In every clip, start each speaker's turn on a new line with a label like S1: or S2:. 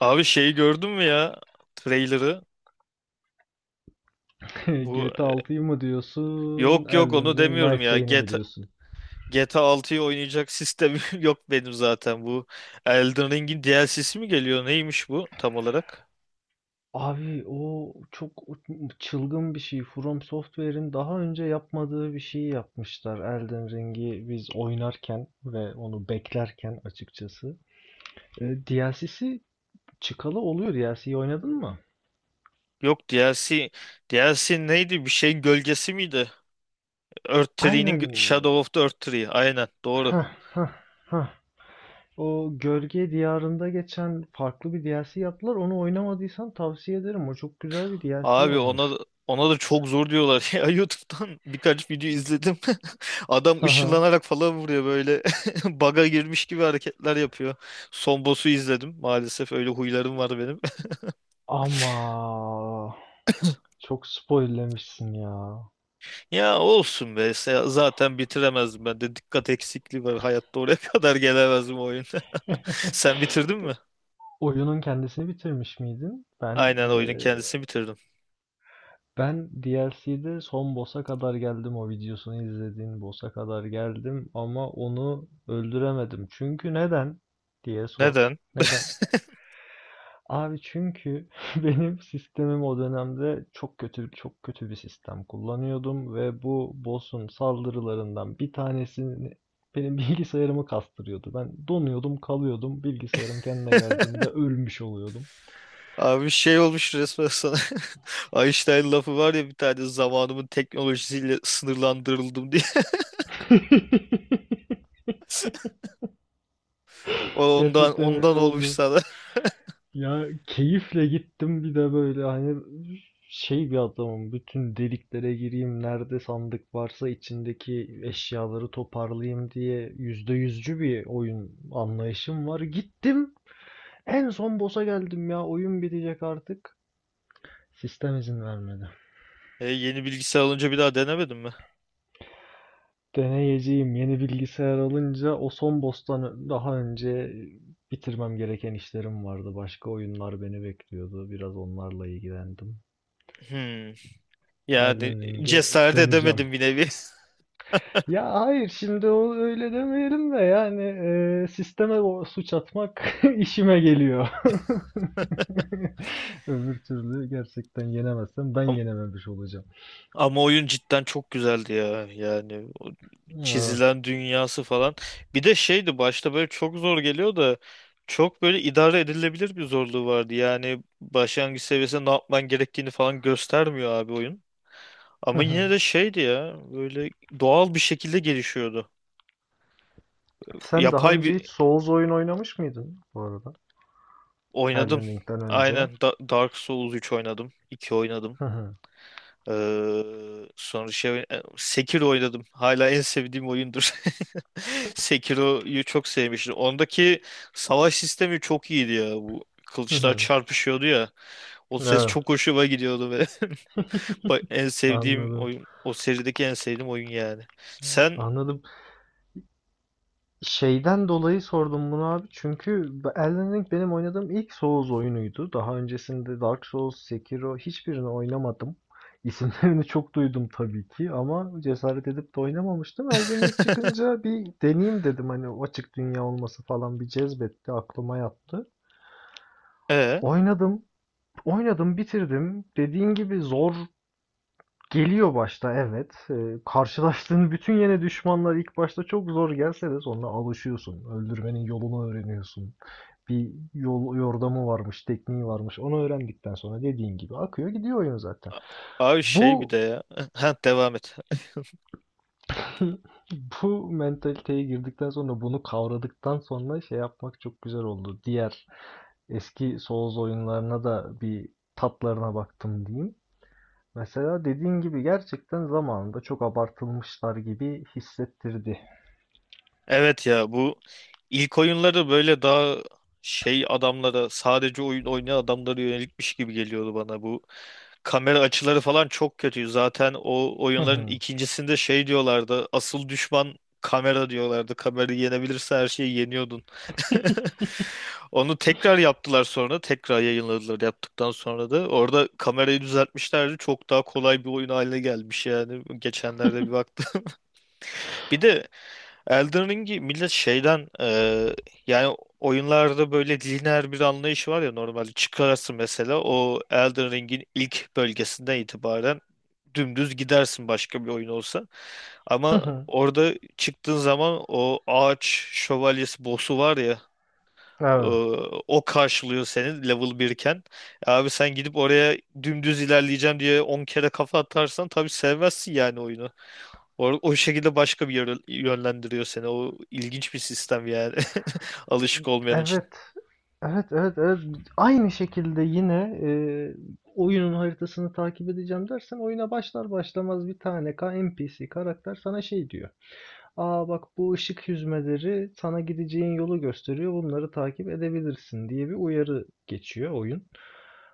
S1: Abi, şeyi gördün mü ya? Trailer'ı. Bu
S2: GTA 6'yı mı diyorsun?
S1: yok yok,
S2: Elden
S1: onu
S2: Ring
S1: demiyorum
S2: Night
S1: ya.
S2: Rain'i mi
S1: GTA,
S2: diyorsun?
S1: GTA 6'yı oynayacak sistemim yok benim zaten bu. Elden Ring'in DLC'si mi geliyor? Neymiş bu tam olarak?
S2: Abi, o çok çılgın bir şey. From Software'in daha önce yapmadığı bir şeyi yapmışlar, Elden Ring'i biz oynarken ve onu beklerken, açıkçası. E, DLC'si çıkalı oluyor. DLC'yi oynadın mı?
S1: Yok, DLC neydi? Bir şeyin gölgesi miydi?
S2: Aynen.
S1: Shadow of the Earth Tree. Aynen, doğru.
S2: Hah hah hah. O, Gölge Diyarı'nda geçen farklı bir DLC yaptılar. Onu oynamadıysan tavsiye ederim. O çok güzel bir DLC
S1: Abi, ona
S2: olmuş.
S1: ona da çok zor diyorlar. Ya, YouTube'dan birkaç video izledim. Adam
S2: Haha.
S1: ışınlanarak falan vuruyor böyle. Baga girmiş gibi hareketler yapıyor. Son boss'u izledim. Maalesef öyle huylarım var benim.
S2: Ama çok spoil'lemişsin ya.
S1: Ya olsun be. Zaten bitiremezdim ben de. Dikkat eksikliği var. Hayatta oraya kadar gelemezdim o oyunda. Sen bitirdin mi?
S2: Oyunun kendisini bitirmiş miydin? Ben
S1: Aynen, oyunun
S2: eee,
S1: kendisini bitirdim.
S2: ben DLC'de son boss'a kadar geldim, o videosunu izlediğin boss'a kadar geldim ama onu öldüremedim. Çünkü neden diye sor.
S1: Neden?
S2: Neden? Abi, çünkü benim sistemim o dönemde çok kötü, çok kötü bir sistem kullanıyordum ve bu boss'un saldırılarından bir tanesini benim bilgisayarımı kastırıyordu. Ben donuyordum, kalıyordum. Bilgisayarım kendine geldiğinde ölmüş oluyordum.
S1: Abi, şey olmuş resmen sana. Einstein lafı var ya bir tane, zamanımın teknolojisiyle sınırlandırıldım diye. O ondan
S2: Gerçekten
S1: ondan
S2: öyle
S1: olmuş
S2: oldu.
S1: sana.
S2: Ya, keyifle gittim bir de, böyle hani şey bir adamım: bütün deliklere gireyim, nerede sandık varsa içindeki eşyaları toparlayayım diye yüzde yüzcü bir oyun anlayışım var. Gittim, en son boss'a geldim, ya, oyun bitecek artık. Sistem izin vermedi.
S1: E, yeni bilgisayar alınca bir daha denemedin mi?
S2: Deneyeceğim, yeni bilgisayar alınca o son boss'tan, daha önce bitirmem gereken işlerim vardı. Başka oyunlar beni bekliyordu. Biraz onlarla ilgilendim.
S1: Hmm. Yani,
S2: Elden Ring'e
S1: cesaret
S2: döneceğim.
S1: edemedim bir nevi.
S2: Ya hayır, şimdi o öyle demeyelim de, yani sisteme o suç atmak işime geliyor. Öbür türlü, gerçekten yenemezsem, ben
S1: Ama,
S2: yenememiş olacağım.
S1: ama oyun cidden çok güzeldi ya. Yani o
S2: Evet.
S1: çizilen dünyası falan. Bir de şeydi, başta böyle çok zor geliyor da çok böyle idare edilebilir bir zorluğu vardı. Yani başlangıç seviyesinde ne yapman gerektiğini falan göstermiyor abi oyun. Ama yine de şeydi ya, böyle doğal bir şekilde gelişiyordu.
S2: Sen daha
S1: Yapay
S2: önce hiç
S1: bir
S2: Souls oyun oynamış mıydın bu arada?
S1: Oynadım.
S2: Elden Ring'den önce.
S1: Aynen, Dark Souls 3 oynadım. 2 oynadım.
S2: Hı hı.
S1: Sonra şey, Sekiro oynadım. Hala en sevdiğim oyundur. Sekiro'yu çok sevmiştim. Ondaki savaş sistemi çok iyiydi ya. Bu
S2: Hı
S1: kılıçlar
S2: hı.
S1: çarpışıyordu ya. O ses
S2: Evet,
S1: çok hoşuma gidiyordu ve en sevdiğim
S2: anladım.
S1: oyun, o serideki en sevdiğim oyun yani. Sen
S2: Anladım. Şeyden dolayı sordum bunu, abi. Çünkü Elden Ring benim oynadığım ilk Souls oyunuydu. Daha öncesinde Dark Souls, Sekiro, hiçbirini oynamadım. İsimlerini çok duydum tabii ki, ama cesaret edip de oynamamıştım. Elden Ring çıkınca, bir deneyeyim dedim. Hani o açık dünya olması falan bir cezbetti, aklıma yattı.
S1: ee,
S2: Oynadım, oynadım, bitirdim. Dediğin gibi zor geliyor başta, evet. Karşılaştığın bütün yeni düşmanlar ilk başta çok zor gelse de, sonra alışıyorsun. Öldürmenin yolunu öğreniyorsun. Bir yol yordamı varmış, tekniği varmış. Onu öğrendikten sonra, dediğin gibi akıyor gidiyor oyun zaten.
S1: abi şey bir de
S2: Bu
S1: ya. Ha, devam et.
S2: bu mentaliteye girdikten sonra, bunu kavradıktan sonra şey yapmak çok güzel oldu. Diğer eski Souls oyunlarına da bir tatlarına baktım diyeyim. Mesela dediğin gibi, gerçekten zamanında çok abartılmışlar gibi hissettirdi.
S1: Evet ya, bu ilk oyunları böyle daha şey adamlara, sadece oyun oynayan adamlara yönelikmiş gibi geliyordu bana bu. Kamera açıları falan çok kötü. Zaten o
S2: Hı
S1: oyunların
S2: hı.
S1: ikincisinde şey diyorlardı. Asıl düşman kamera diyorlardı. Kamerayı yenebilirse her şeyi yeniyordun. Onu tekrar yaptılar sonra. Tekrar yayınladılar yaptıktan sonra da. Orada kamerayı düzeltmişlerdi. Çok daha kolay bir oyun haline gelmiş yani. Geçenlerde bir baktım. Bir de Elden Ring'i millet şeyden, yani oyunlarda böyle lineer bir anlayış var ya, normalde çıkarsın mesela o Elden Ring'in ilk bölgesinden itibaren dümdüz gidersin başka bir oyun olsa.
S2: Hı
S1: Ama
S2: hı.
S1: orada çıktığın zaman o ağaç şövalyesi boss'u var ya, e,
S2: Evet.
S1: o karşılıyor seni level 1 iken. Abi, sen gidip oraya dümdüz ilerleyeceğim diye 10 kere kafa atarsan tabii sevmezsin yani oyunu. O şekilde başka bir yönlendiriyor seni. O ilginç bir sistem yani. Alışık olmayan için.
S2: Evet. Evet, evet, evet. Aynı şekilde yine oyunun haritasını takip edeceğim dersen, oyuna başlar başlamaz bir tane NPC karakter sana şey diyor: aa bak, bu ışık hüzmeleri sana gideceğin yolu gösteriyor, bunları takip edebilirsin diye bir uyarı geçiyor oyun.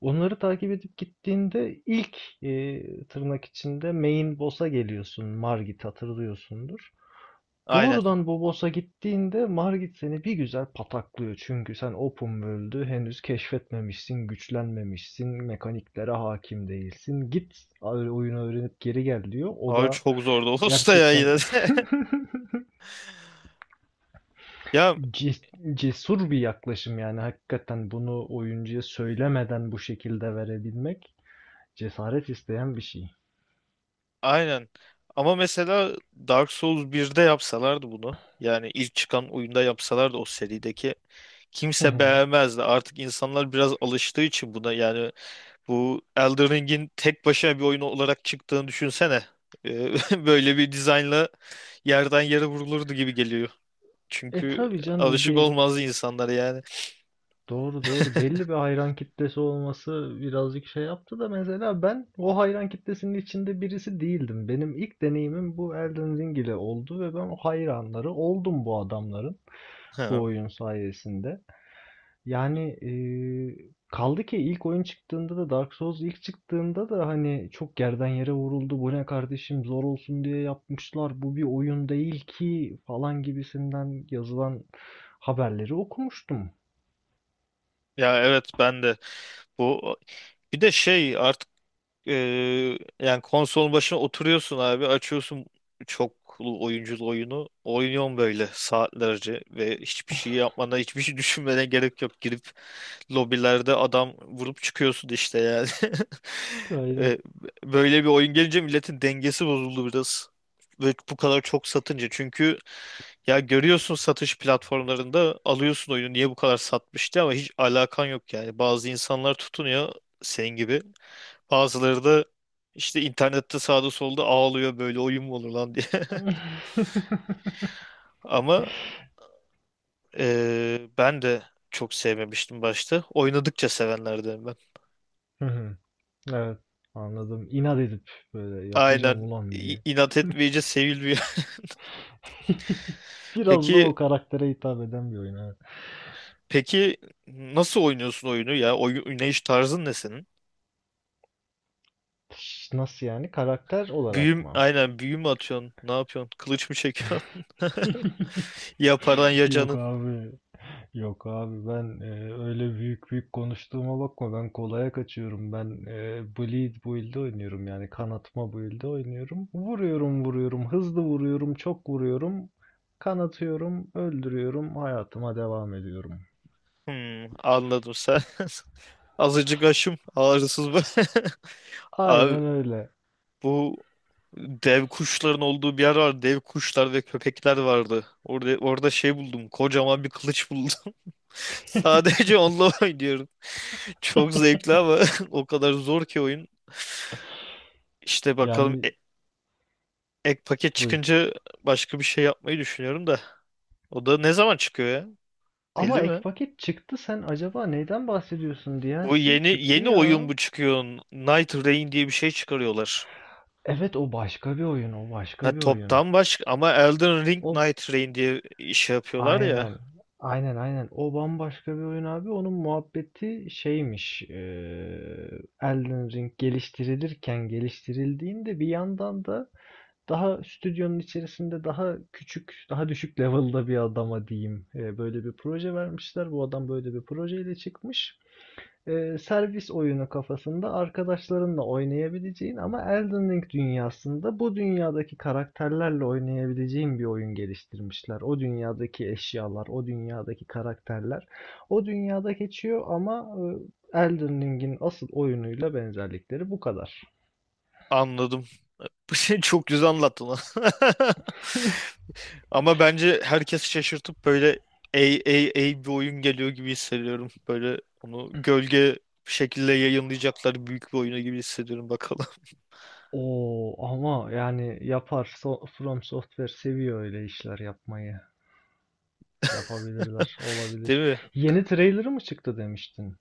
S2: Onları takip edip gittiğinde, ilk tırnak içinde main boss'a geliyorsun. Margit, hatırlıyorsundur.
S1: Aynen.
S2: Doğrudan Bobos'a gittiğinde, Margit seni bir güzel pataklıyor. Çünkü sen open world'ü henüz keşfetmemişsin, güçlenmemişsin, mekaniklere hakim değilsin. Git oyunu öğrenip geri gel diyor. O
S1: Abi
S2: da
S1: çok zordu o usta ya
S2: gerçekten
S1: yine de. Ya,
S2: cesur bir yaklaşım, yani hakikaten bunu oyuncuya söylemeden bu şekilde verebilmek cesaret isteyen bir şey.
S1: aynen. Ama mesela Dark Souls birde yapsalardı bunu. Yani ilk çıkan oyunda yapsalardı, o serideki. Kimse beğenmezdi. Artık insanlar biraz alıştığı için buna, yani bu Elden Ring'in tek başına bir oyun olarak çıktığını düşünsene. Ee, Böyle bir dizaynla yerden yere vurulurdu gibi geliyor.
S2: E,
S1: Çünkü
S2: tabi canım,
S1: alışık
S2: bir.
S1: olmaz insanlar yani.
S2: Doğru, doğru. Belli bir hayran kitlesi olması birazcık şey yaptı da, mesela ben o hayran kitlesinin içinde birisi değildim. Benim ilk deneyimim bu Elden Ring ile oldu ve ben o hayranları oldum bu adamların, bu
S1: Ha.
S2: oyun sayesinde. Yani kaldı ki ilk oyun çıktığında da, Dark Souls ilk çıktığında da, hani çok yerden yere vuruldu. Bu ne kardeşim, zor olsun diye yapmışlar, bu bir oyun değil ki falan gibisinden yazılan haberleri okumuştum.
S1: Ya evet, ben de bu bir de şey artık. Ee, yani konsolun başına oturuyorsun abi, açıyorsun çoklu oyunculu oyunu. Oynuyorsun böyle saatlerce ve hiçbir şey yapmana, hiçbir şey düşünmene gerek yok. Girip lobilerde adam vurup çıkıyorsun işte yani. Ee, Böyle bir oyun gelince milletin dengesi bozuldu biraz. Ve bu kadar çok satınca, çünkü ya görüyorsun satış platformlarında, alıyorsun oyunu niye bu kadar satmıştı, ama hiç alakan yok yani. Bazı insanlar tutunuyor senin gibi. Bazıları da işte internette sağda solda ağlıyor, böyle oyun mu olur lan diye. Ama ben de çok sevmemiştim başta. Oynadıkça sevenlerdenim ben.
S2: Hı hı. Evet, anladım. İnat edip böyle yapacağım
S1: Aynen.
S2: ulan
S1: İ-
S2: diye.
S1: inat etmeyince sevilmiyor.
S2: Biraz da
S1: Peki,
S2: o karaktere hitap eden bir oyun, evet.
S1: peki, nasıl oynuyorsun oyunu ya? Oyun oynayış tarzın ne senin?
S2: Nasıl yani? Karakter olarak mı?
S1: Aynen, büyü mü atıyorsun? Ne yapıyorsun? Kılıç mı çekiyorsun? Ya paran ya
S2: Yok
S1: canın.
S2: abi. Yok abi, ben öyle büyük büyük konuştuğuma bakma. Ben kolaya kaçıyorum. Ben bleed build'de oynuyorum. Yani kanatma build'de oynuyorum. Vuruyorum, vuruyorum. Hızlı vuruyorum. Çok vuruyorum. Kanatıyorum. Öldürüyorum. Hayatıma devam ediyorum.
S1: Hmm, anladım sen. Azıcık aşım ağrısız bu. Abi,
S2: Aynen öyle.
S1: bu dev kuşların olduğu bir yer var. Dev kuşlar ve köpekler vardı. Orada şey buldum. Kocaman bir kılıç buldum. Sadece onunla oynuyorum. Çok zevkli ama o kadar zor ki oyun. İşte bakalım,
S2: Yani,
S1: ek paket
S2: buyur.
S1: çıkınca başka bir şey yapmayı düşünüyorum da. O da ne zaman çıkıyor ya?
S2: Ama
S1: Belli
S2: ek
S1: mi?
S2: paket çıktı, sen acaba neyden bahsediyorsun?
S1: Bu
S2: DLC
S1: yeni
S2: çıktı
S1: yeni
S2: ya.
S1: oyun bu çıkıyor. Night Rain diye bir şey çıkarıyorlar.
S2: Evet, o başka bir oyun, o
S1: Ha,
S2: başka bir oyun.
S1: toptan başka ama Elden Ring
S2: O
S1: Night Rain diye iş yapıyorlar ya.
S2: aynen, aynen, aynen. O bambaşka bir oyun, abi. Onun muhabbeti şeymiş. Elden Ring geliştirilirken, geliştirildiğinde, bir yandan da daha stüdyonun içerisinde daha küçük, daha düşük level'da bir adama diyeyim, böyle bir proje vermişler. Bu adam böyle bir projeyle çıkmış. Servis oyunu kafasında, arkadaşlarınla oynayabileceğin ama Elden Ring dünyasında, bu dünyadaki karakterlerle oynayabileceğin bir oyun geliştirmişler. O dünyadaki eşyalar, o dünyadaki karakterler o dünyada geçiyor ama Elden Ring'in asıl oyunuyla benzerlikleri bu kadar.
S1: Anladım. Çok güzel anlattın lan. Ama bence herkesi şaşırtıp böyle, ey ey ey, bir oyun geliyor gibi hissediyorum. Böyle onu gölge bir şekilde yayınlayacaklar, büyük bir oyunu gibi hissediyorum bakalım.
S2: Oo, ama yani yapar. From Software seviyor öyle işler yapmayı. Yapabilirler,
S1: Değil
S2: olabilir.
S1: mi?
S2: Yeni trailer'ı mı çıktı demiştin?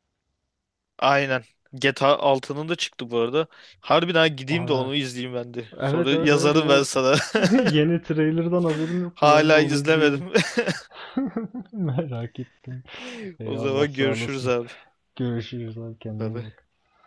S1: Aynen. GTA 6'nın da çıktı bu arada. Harbiden gideyim de
S2: Aa,
S1: onu izleyeyim ben de. Sonra
S2: evet, evet, evet,
S1: yazarım ben
S2: o
S1: sana.
S2: yeni trailer'dan haberim yoktu. Ben de
S1: Hala
S2: onu izleyeyim.
S1: izlemedim.
S2: Merak ettim.
S1: O
S2: Eyvallah,
S1: zaman
S2: sağ
S1: görüşürüz
S2: olasın.
S1: abi.
S2: Görüşürüz abi,
S1: Bye
S2: kendine iyi
S1: bye.
S2: bak.